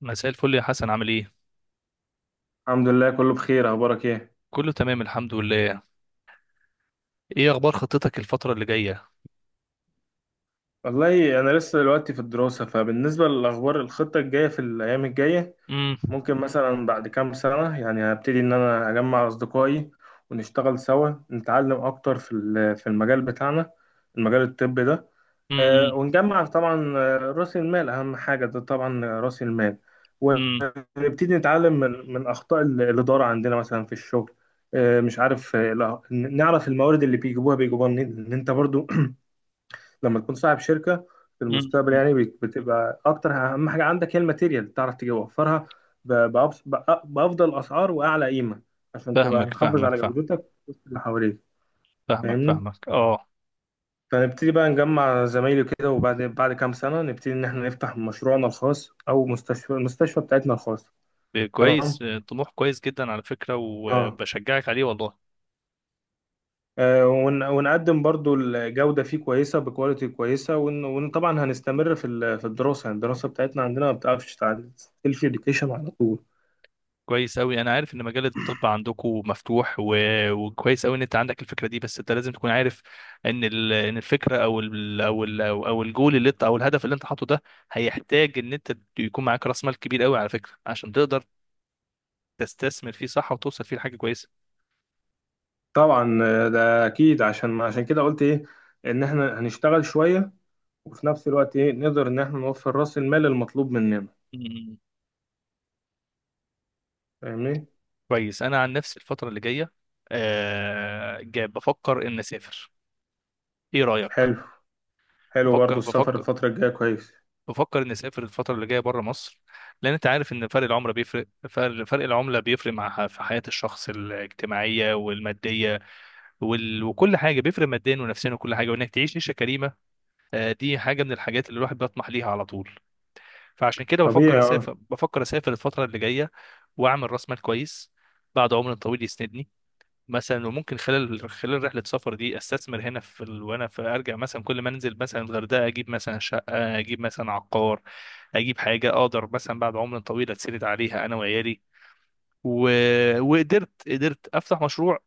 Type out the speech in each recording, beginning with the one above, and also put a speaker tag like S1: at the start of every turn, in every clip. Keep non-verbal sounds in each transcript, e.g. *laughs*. S1: مساء الفل يا حسن، عامل ايه؟
S2: الحمد لله، كله بخير. اخبارك ايه؟
S1: كله تمام الحمد لله. ايه اخبار خطتك الفترة اللي جاية؟
S2: والله انا لسه دلوقتي في الدراسه، فبالنسبه للاخبار الخطه الجايه في الايام الجايه
S1: امم
S2: ممكن مثلا بعد كام سنه يعني هبتدي ان انا اجمع اصدقائي، ونشتغل سوا، نتعلم اكتر في المجال بتاعنا، المجال الطبي ده.
S1: امم
S2: ونجمع طبعا راس المال اهم حاجه، ده طبعا راس المال.
S1: امم
S2: ونبتدي نتعلم من اخطاء الاداره عندنا مثلا في الشغل. مش عارف، نعرف الموارد اللي بيجيبوها منين. لأن انت برضو لما تكون صاحب شركه في المستقبل
S1: أمم.
S2: يعني بتبقى اكتر، اهم حاجه عندك هي الماتيريال تعرف توفرها بافضل اسعار واعلى قيمه، عشان تبقى
S1: فاهمك
S2: محافظ
S1: فاهمك
S2: على
S1: فاهم
S2: جودتك وسط اللي حواليك.
S1: فاهمك
S2: فاهمني.
S1: فاهمك اه.
S2: فنبتدي بقى نجمع زمايلي كده، وبعد بعد كام سنه نبتدي ان احنا نفتح مشروعنا الخاص او المستشفى بتاعتنا الخاصه. تمام.
S1: كويس، طموح كويس جدا على فكرة،
S2: اه.
S1: وبشجعك عليه والله.
S2: ونقدم برضو الجودة فيه كويسة بكواليتي كويسة، وطبعا هنستمر في الدراسة، يعني الدراسة بتاعتنا عندنا ما بتعرفش تعدي، سيلف اديوكيشن على طول.
S1: كويس قوي، انا عارف ان مجال الطب عندكم مفتوح وكويس قوي ان انت عندك الفكرة دي، بس انت لازم تكون عارف ان الفكرة او الجول اللي انت، او الهدف اللي انت حاطه ده هيحتاج ان انت يكون معاك راس مال كبير قوي على فكرة، عشان تقدر تستثمر فيه صح وتوصل فيه لحاجه كويسه.
S2: طبعا ده أكيد. عشان كده قلت إيه؟ إن إحنا هنشتغل شوية، وفي نفس الوقت إيه نقدر إن إحنا نوفر رأس المال المطلوب مننا.
S1: مم.
S2: فاهمني؟
S1: كويس، انا عن نفسي الفتره اللي جايه آه، جاي بفكر ان اسافر. ايه رايك؟
S2: حلو، حلو، برضو
S1: بفكر
S2: السفر
S1: بفكر
S2: الفترة الجاية كويس.
S1: بفكر اني اسافر الفتره اللي جايه بره مصر، لان انت عارف ان فرق العمله بيفرق، فرق العمله بيفرق مع في حياه الشخص الاجتماعيه والماديه وكل حاجه، بيفرق ماديا ونفسيا وكل حاجه، وانك تعيش عيشه كريمه. آه، دي حاجه من الحاجات اللي الواحد بيطمح ليها على طول. فعشان كده بفكر
S2: طبيعي أه.
S1: اسافر، بفكر اسافر الفتره اللي جايه، واعمل راس مال كويس بعد عمر طويل يسندني. مثلا وممكن خلال رحله السفر دي استثمر هنا وانا ارجع مثلا، كل ما انزل مثلا الغردقه اجيب مثلا شقه، اجيب مثلا عقار، اجيب حاجه اقدر مثلا بعد عمر طويل اتسند عليها انا وعيالي و... وقدرت افتح مشروع،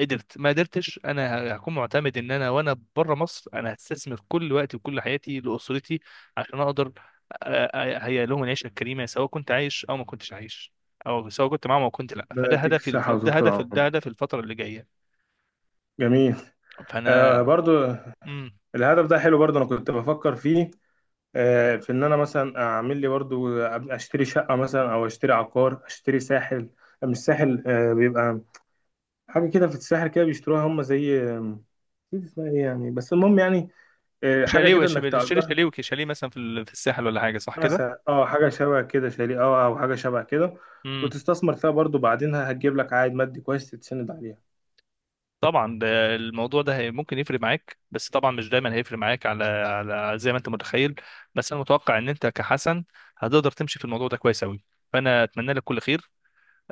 S1: قدرت ما قدرتش، انا هكون معتمد ان انا وانا بره مصر انا هستثمر كل وقتي وكل حياتي لاسرتي، عشان اقدر اهيئ لهم العيشه الكريمه، سواء كنت عايش او ما كنتش عايش، او سواء كنت معاهم او كنت لا.
S2: ربنا
S1: فده
S2: يديك
S1: هدفي الف...
S2: الصحة
S1: ده
S2: وطول
S1: هدف
S2: العمر.
S1: ده هدف الفتره اللي جايه.
S2: جميل. آه
S1: فانا
S2: برضو.
S1: امم
S2: الهدف ده حلو برضو، أنا كنت بفكر فيه. في ان انا مثلا اعمل لي برضو اشتري شقه مثلا، او اشتري عقار، اشتري ساحل. مش ساحل، بيبقى حاجه كده في الساحل كده بيشتروها هم، زي نسيت اسمها ايه يعني، بس المهم يعني، حاجه
S1: شاليه،
S2: كده انك
S1: شاليه،
S2: تأجرها.
S1: شاليه مثلا في الساحل، ولا حاجه صح كده.
S2: مثلا اه، حاجه شبه كده، شاليه اه، او حاجه شبه كده.
S1: امم
S2: وتستثمر فيها برضو، بعدينها هتجيب لك عائد مادي كويس تتسند عليها.
S1: طبعا ده، الموضوع ده ممكن يفرق معاك، بس طبعا مش دايما هيفرق معاك على زي ما انت متخيل، بس انا متوقع ان انت كحسن هتقدر تمشي في الموضوع ده كويس قوي. فانا اتمنى لك كل خير،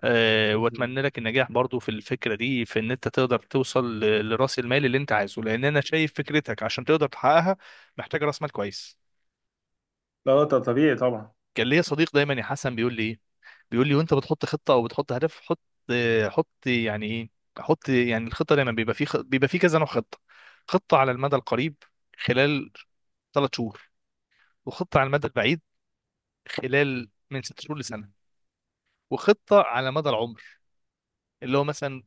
S1: أه،
S2: بإذن الله.
S1: واتمنى لك النجاح برضو في الفكره دي، في ان انت تقدر توصل لراس المال اللي انت عايزه، لان انا شايف فكرتك. عشان تقدر تحققها محتاج راس مال كويس.
S2: لا، طبيعي طبعا.
S1: كان ليا صديق دايما يا حسن بيقول لي إيه؟ بيقول لي، وانت بتحط خطه او بتحط هدف، حط، حط يعني ايه؟ حط، يعني الخطه دايما بيبقى في بيبقى في كذا نوع خطه: خطه على المدى القريب خلال ثلاث شهور، وخطه على المدى البعيد خلال من ست شهور لسنه، وخطه على مدى العمر، اللي هو مثلا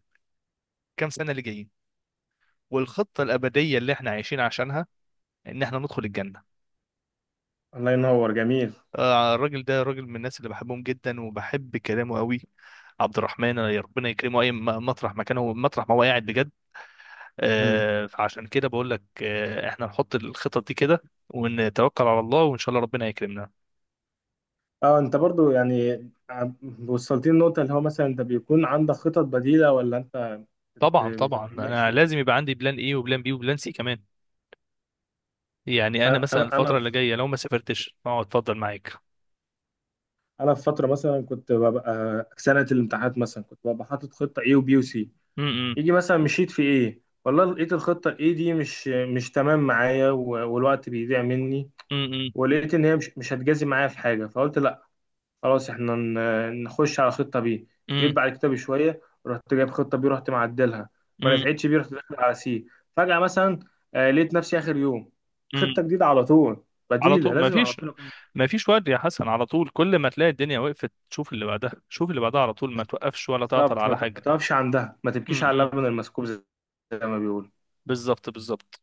S1: كام سنه اللي جايين، والخطه الابديه اللي احنا عايشين عشانها، ان احنا ندخل الجنه.
S2: الله ينور. جميل.
S1: الراجل ده راجل من الناس اللي بحبهم جدا وبحب كلامه قوي، عبد الرحمن، يا ربنا يكرمه اي مطرح مكانه، مطرح ما هو قاعد بجد.
S2: مم.
S1: فعشان كده بقول لك، احنا نحط الخطط دي كده، ونتوكل على الله، وان شاء الله ربنا يكرمنا.
S2: اه، انت برضو يعني، آه، وصلتني النقطة اللي هو مثلا انت بيكون عندك خطط بديلة ولا انت
S1: طبعا طبعا،
S2: بتبقى
S1: انا
S2: ماشي؟
S1: لازم يبقى عندي بلان ايه وبلان بي وبلان سي كمان. يعني انا مثلا
S2: انا انا
S1: الفتره
S2: في-
S1: اللي جايه لو ما سافرتش، اه، اتفضل معاك.
S2: انا في فترة مثلا كنت ببقى سنة الامتحانات، مثلا كنت ببقى حاطط خطة A وبي وسي.
S1: امم
S2: يجي مثلا مشيت في ايه والله، لقيت الخطة الاي دي مش تمام معايا، والوقت بيضيع مني.
S1: امم
S2: ولقيت ان هي مش هتجازي معايا في حاجة، فقلت خلاص احنا نخش على خطة بي. جيت
S1: امم
S2: بعد كده بشوية، رحت جايب خطة بي رحت معدلها، ما نفعتش بي رحت داخل على سي. فجأة مثلا لقيت نفسي آخر يوم
S1: امم
S2: خطة جديدة على طول
S1: على
S2: بديلة،
S1: طول ما
S2: لازم على
S1: فيش،
S2: طول أكون.
S1: ما فيش وقت يا حسن، على طول كل ما تلاقي الدنيا وقفت شوف اللي بعدها، شوف اللي بعدها، على طول ما توقفش ولا تعطل
S2: بالظبط،
S1: على
S2: ما
S1: حاجه.
S2: تقفش عندها، ما تبكيش على
S1: امم
S2: اللبن المسكوب، زي ما بيقولوا.
S1: بالظبط بالظبط.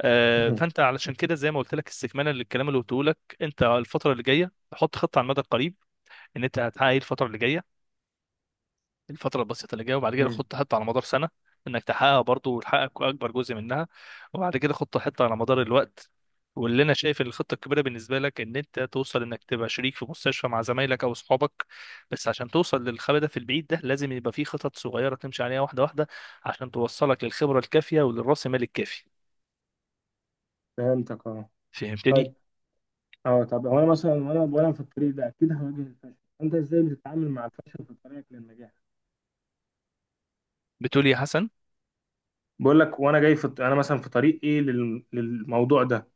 S1: فانت
S2: *laughs*
S1: علشان كده، زي ما قلت لك استكمالا للكلام اللي قلته لك، انت الفتره اللي جايه تحط خطه على المدى القريب ان انت هتحقق ايه الفتره اللي جايه، الفتره البسيطه اللي جايه، وبعد كده
S2: مم.
S1: خطه حتى على مدار سنه انك تحققها برضه وتحقق اكبر جزء منها، وبعد كده خطه حتى على مدار الوقت. واللي انا شايف ان الخطه الكبيره بالنسبه لك، ان انت توصل انك تبقى شريك في مستشفى مع زمايلك او اصحابك، بس عشان توصل للهدف البعيد ده، لازم يبقى في خطط صغيره تمشي عليها واحده واحده، عشان توصلك للخبره الكافيه وللراس مال الكافي.
S2: فهمتك، اه.
S1: فهمتني؟
S2: طيب. اه، طب هو انا مثلا، وانا في الطريق ده اكيد هواجه الفشل. انت ازاي بتتعامل مع الفشل في طريقك للنجاح؟
S1: بتقول إيه يا
S2: بقول لك، وانا جاي انا مثلا في طريقي للموضوع ده،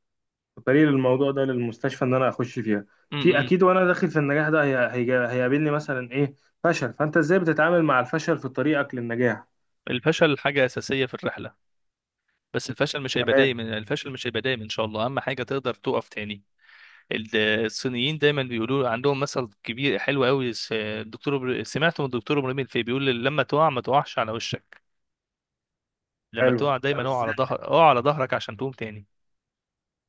S2: طريق الموضوع ده للمستشفى ان انا اخش فيها. في
S1: حسن؟
S2: اكيد وانا داخل في النجاح ده هيقابلني مثلا ايه؟ فشل. فانت ازاي بتتعامل مع الفشل في طريقك للنجاح؟
S1: الفشل حاجة أساسية في الرحلة، بس الفشل مش هيبقى
S2: تمام.
S1: دايما، إن شاء الله. أهم حاجة تقدر تقف تاني. ال- الصينيين دايما بيقولوا عندهم مثل كبير حلو قوي، الدكتور سمعته من الدكتور إبراهيم الفقي بيقول لما تقع ما تقعش على وشك، لما
S2: حلو،
S1: تقع
S2: طب
S1: دايما اقع
S2: ازاي؟
S1: على ظهر، اقع على ظهرك عشان تقوم تاني.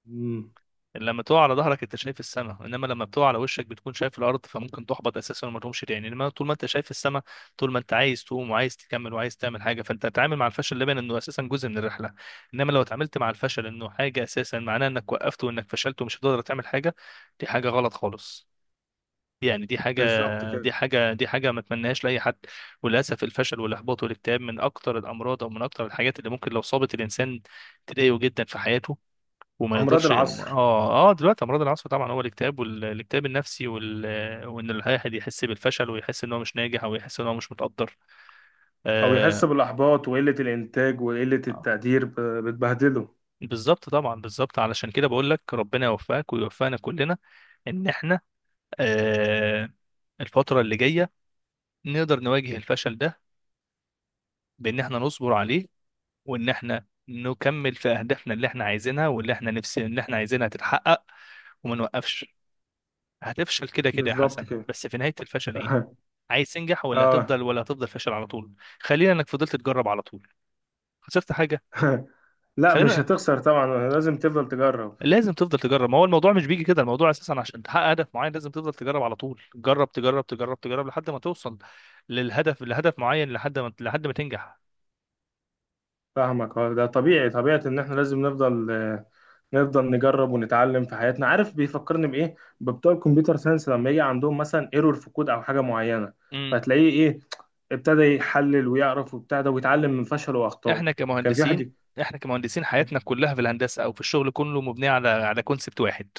S2: مم.
S1: لما تقع على ظهرك انت شايف السماء، انما لما بتقع على وشك بتكون شايف الارض، فممكن تحبط اساسا وما تقومش تاني. انما طول ما انت شايف السماء، طول ما انت عايز تقوم وعايز تكمل وعايز تعمل حاجه، فانت تتعامل مع الفشل لبن انه اساسا جزء من الرحله. انما لو اتعاملت مع الفشل انه حاجه اساسا، معناه انك وقفت وانك فشلت ومش هتقدر تعمل حاجه. دي حاجه غلط خالص، يعني دي حاجة،
S2: بالظبط كده.
S1: دي حاجة ما اتمناهاش لأي حد. وللأسف الفشل والإحباط والاكتئاب من أكتر الأمراض، أو من أكتر الحاجات اللي ممكن لو صابت الإنسان تضايقه جدا في حياته، وما
S2: امراض
S1: يقدرش.
S2: العصر.
S1: اه اه، دلوقتي امراض العصر طبعا هو الاكتئاب، والاكتئاب النفسي وان الواحد يحس بالفشل، ويحس ان هو مش ناجح، او يحس ان هو مش متقدر.
S2: او يحس
S1: آه.
S2: بالاحباط وقله الانتاج وقله
S1: آه.
S2: التقدير بتبهدله.
S1: بالظبط طبعا، بالظبط. علشان كده بقول لك ربنا يوفقك ويوفقنا كلنا، ان احنا آه، الفترة اللي جاية نقدر نواجه الفشل ده، بان احنا نصبر عليه، وان احنا نكمل في اهدافنا اللي احنا عايزينها واللي احنا نفسي اللي احنا عايزينها تتحقق، وما نوقفش. هتفشل كده كده يا
S2: بالظبط
S1: حسن،
S2: كده.
S1: بس في نهاية الفشل ايه؟
S2: *laughs*
S1: عايز تنجح، ولا
S2: اه.
S1: هتفضل، ولا هتفضل فاشل على طول؟ خلينا، انك فضلت تجرب على طول، خسرت حاجه؟
S2: *laughs* لا، مش
S1: خلينا،
S2: هتخسر طبعا، لازم تفضل تجرب.
S1: لازم تفضل تجرب. ما هو الموضوع مش بيجي كده، الموضوع اساسا عشان تحقق هدف معين لازم تفضل تجرب على طول، جرب تجرب تجرب تجرب لحد ما توصل للهدف، لهدف معين، لحد ما، لحد ما تنجح.
S2: فاهمك. ده طبيعي، طبيعة ان احنا لازم نفضل نجرب ونتعلم في حياتنا. عارف بيفكرني بايه؟ ببتوع الكمبيوتر ساينس لما يجي عندهم مثلا ايرور في كود او حاجه معينه،
S1: امم
S2: فتلاقيه ايه؟ ابتدى يحلل ويعرف وبتاع ده ويتعلم من فشله واخطائه.
S1: احنا
S2: كان في
S1: كمهندسين،
S2: حد.
S1: احنا كمهندسين حياتنا كلها في الهندسه او في الشغل كله مبنيه على كونسبت واحد: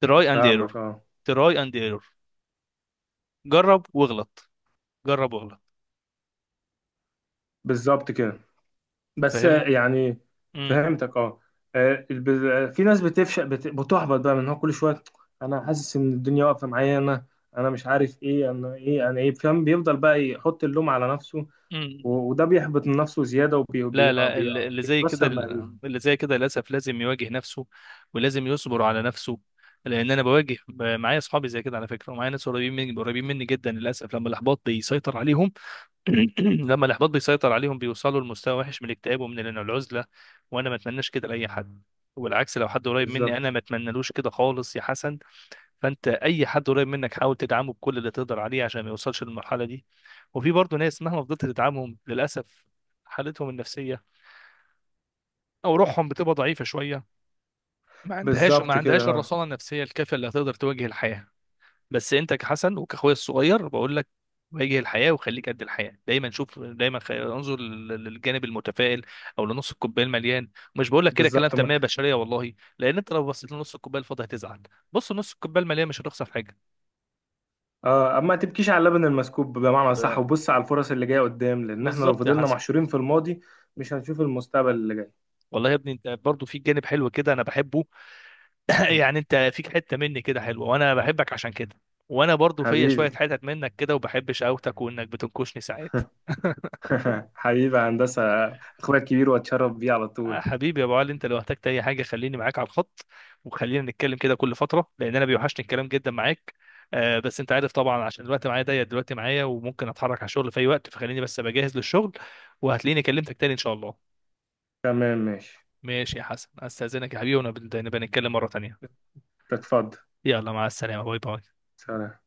S1: تراي اند ايرور،
S2: فاهمك اه.
S1: تراي اند ايرور، جرب واغلط، جرب واغلط.
S2: بالظبط كده. بس
S1: فاهم.
S2: يعني. فهمتك اه. في ناس بتفشل بتحبط بقى من هو كل شويه، انا حاسس ان الدنيا واقفه معايا. انا، انا مش عارف ايه، انا ايه، انا ايه؟ فاهم؟ بيفضل بقى يحط اللوم على نفسه،
S1: امم
S2: وده بيحبط من نفسه زيادة
S1: لا لا، اللي زي كده،
S2: وبيكسر مهاريته.
S1: اللي زي كده للاسف لازم يواجه نفسه، ولازم يصبر على نفسه. لان انا بواجه، معايا اصحابي زي كده على فكره، ومعايا ناس قريبين مني، قريبين مني جدا، للاسف لما الاحباط بيسيطر عليهم *clears throat* لما الاحباط بيسيطر عليهم بيوصلوا لمستوى وحش من الاكتئاب، ومن العزله. وانا ما اتمناش كده لاي حد، والعكس لو حد قريب مني
S2: بالظبط،
S1: انا ما اتمنالوش كده خالص يا حسن. فانت اي حد قريب منك حاول تدعمه بكل اللي تقدر عليه عشان ما يوصلش للمرحله دي. وفي برضه ناس مهما فضلت تدعمهم، للاسف حالتهم النفسيه او روحهم بتبقى ضعيفه شويه، ما
S2: بالظبط كده،
S1: عندهاش
S2: اه.
S1: الرصانه النفسيه الكافيه اللي هتقدر تواجه الحياه. بس انت كحسن وكاخويا الصغير بقول لك، واجه الحياه وخليك قد الحياه دايما، انظر للجانب المتفائل، او لنص الكوبايه المليان. مش بقول لك كده كلام
S2: بالظبط
S1: تنميه بشريه والله، لان انت لو بصيت لنص الكوبايه الفاضي هتزعل. بص نص الكوبايه المليان، مش هتخسر حاجه.
S2: اه، اما تبكيش على اللبن المسكوب بمعنى صح، وبص على الفرص اللي جاية قدام، لأن احنا لو
S1: بالظبط يا
S2: فضلنا
S1: حسن.
S2: محشورين في الماضي مش هنشوف المستقبل اللي جاي.
S1: والله يا ابني انت برضه في جانب حلو كده انا بحبه، *laughs*
S2: *laughs*
S1: يعني انت فيك حته مني كده حلوه، وانا بحبك عشان كده. وانا برضو فيا شويه
S2: حبيبي.
S1: حتت منك كده، وبحب شقاوتك وانك بتنكشني ساعات. *laughs*
S2: *laughs* حبيبي يا هندسة، أخويا الكبير وأتشرف بيه على طول.
S1: حبيبي يا ابو علي، انت لو احتجت اي حاجه خليني معاك على الخط، وخلينا نتكلم كده كل فتره، لان انا بيوحشني الكلام جدا معاك. آه، بس انت عارف طبعا عشان الوقت معايا ضيق دلوقتي معايا، وممكن اتحرك على الشغل في اي وقت، فخليني بس بجهز للشغل، وهتلاقيني كلمتك تاني ان شاء الله.
S2: تمام ماشي.
S1: ماشي يا حسن، استاذنك يا حبيبي، ونبقى نتكلم مره تانيه.
S2: اتفضل.
S1: يلا، مع السلامه، باي باي.
S2: سلام.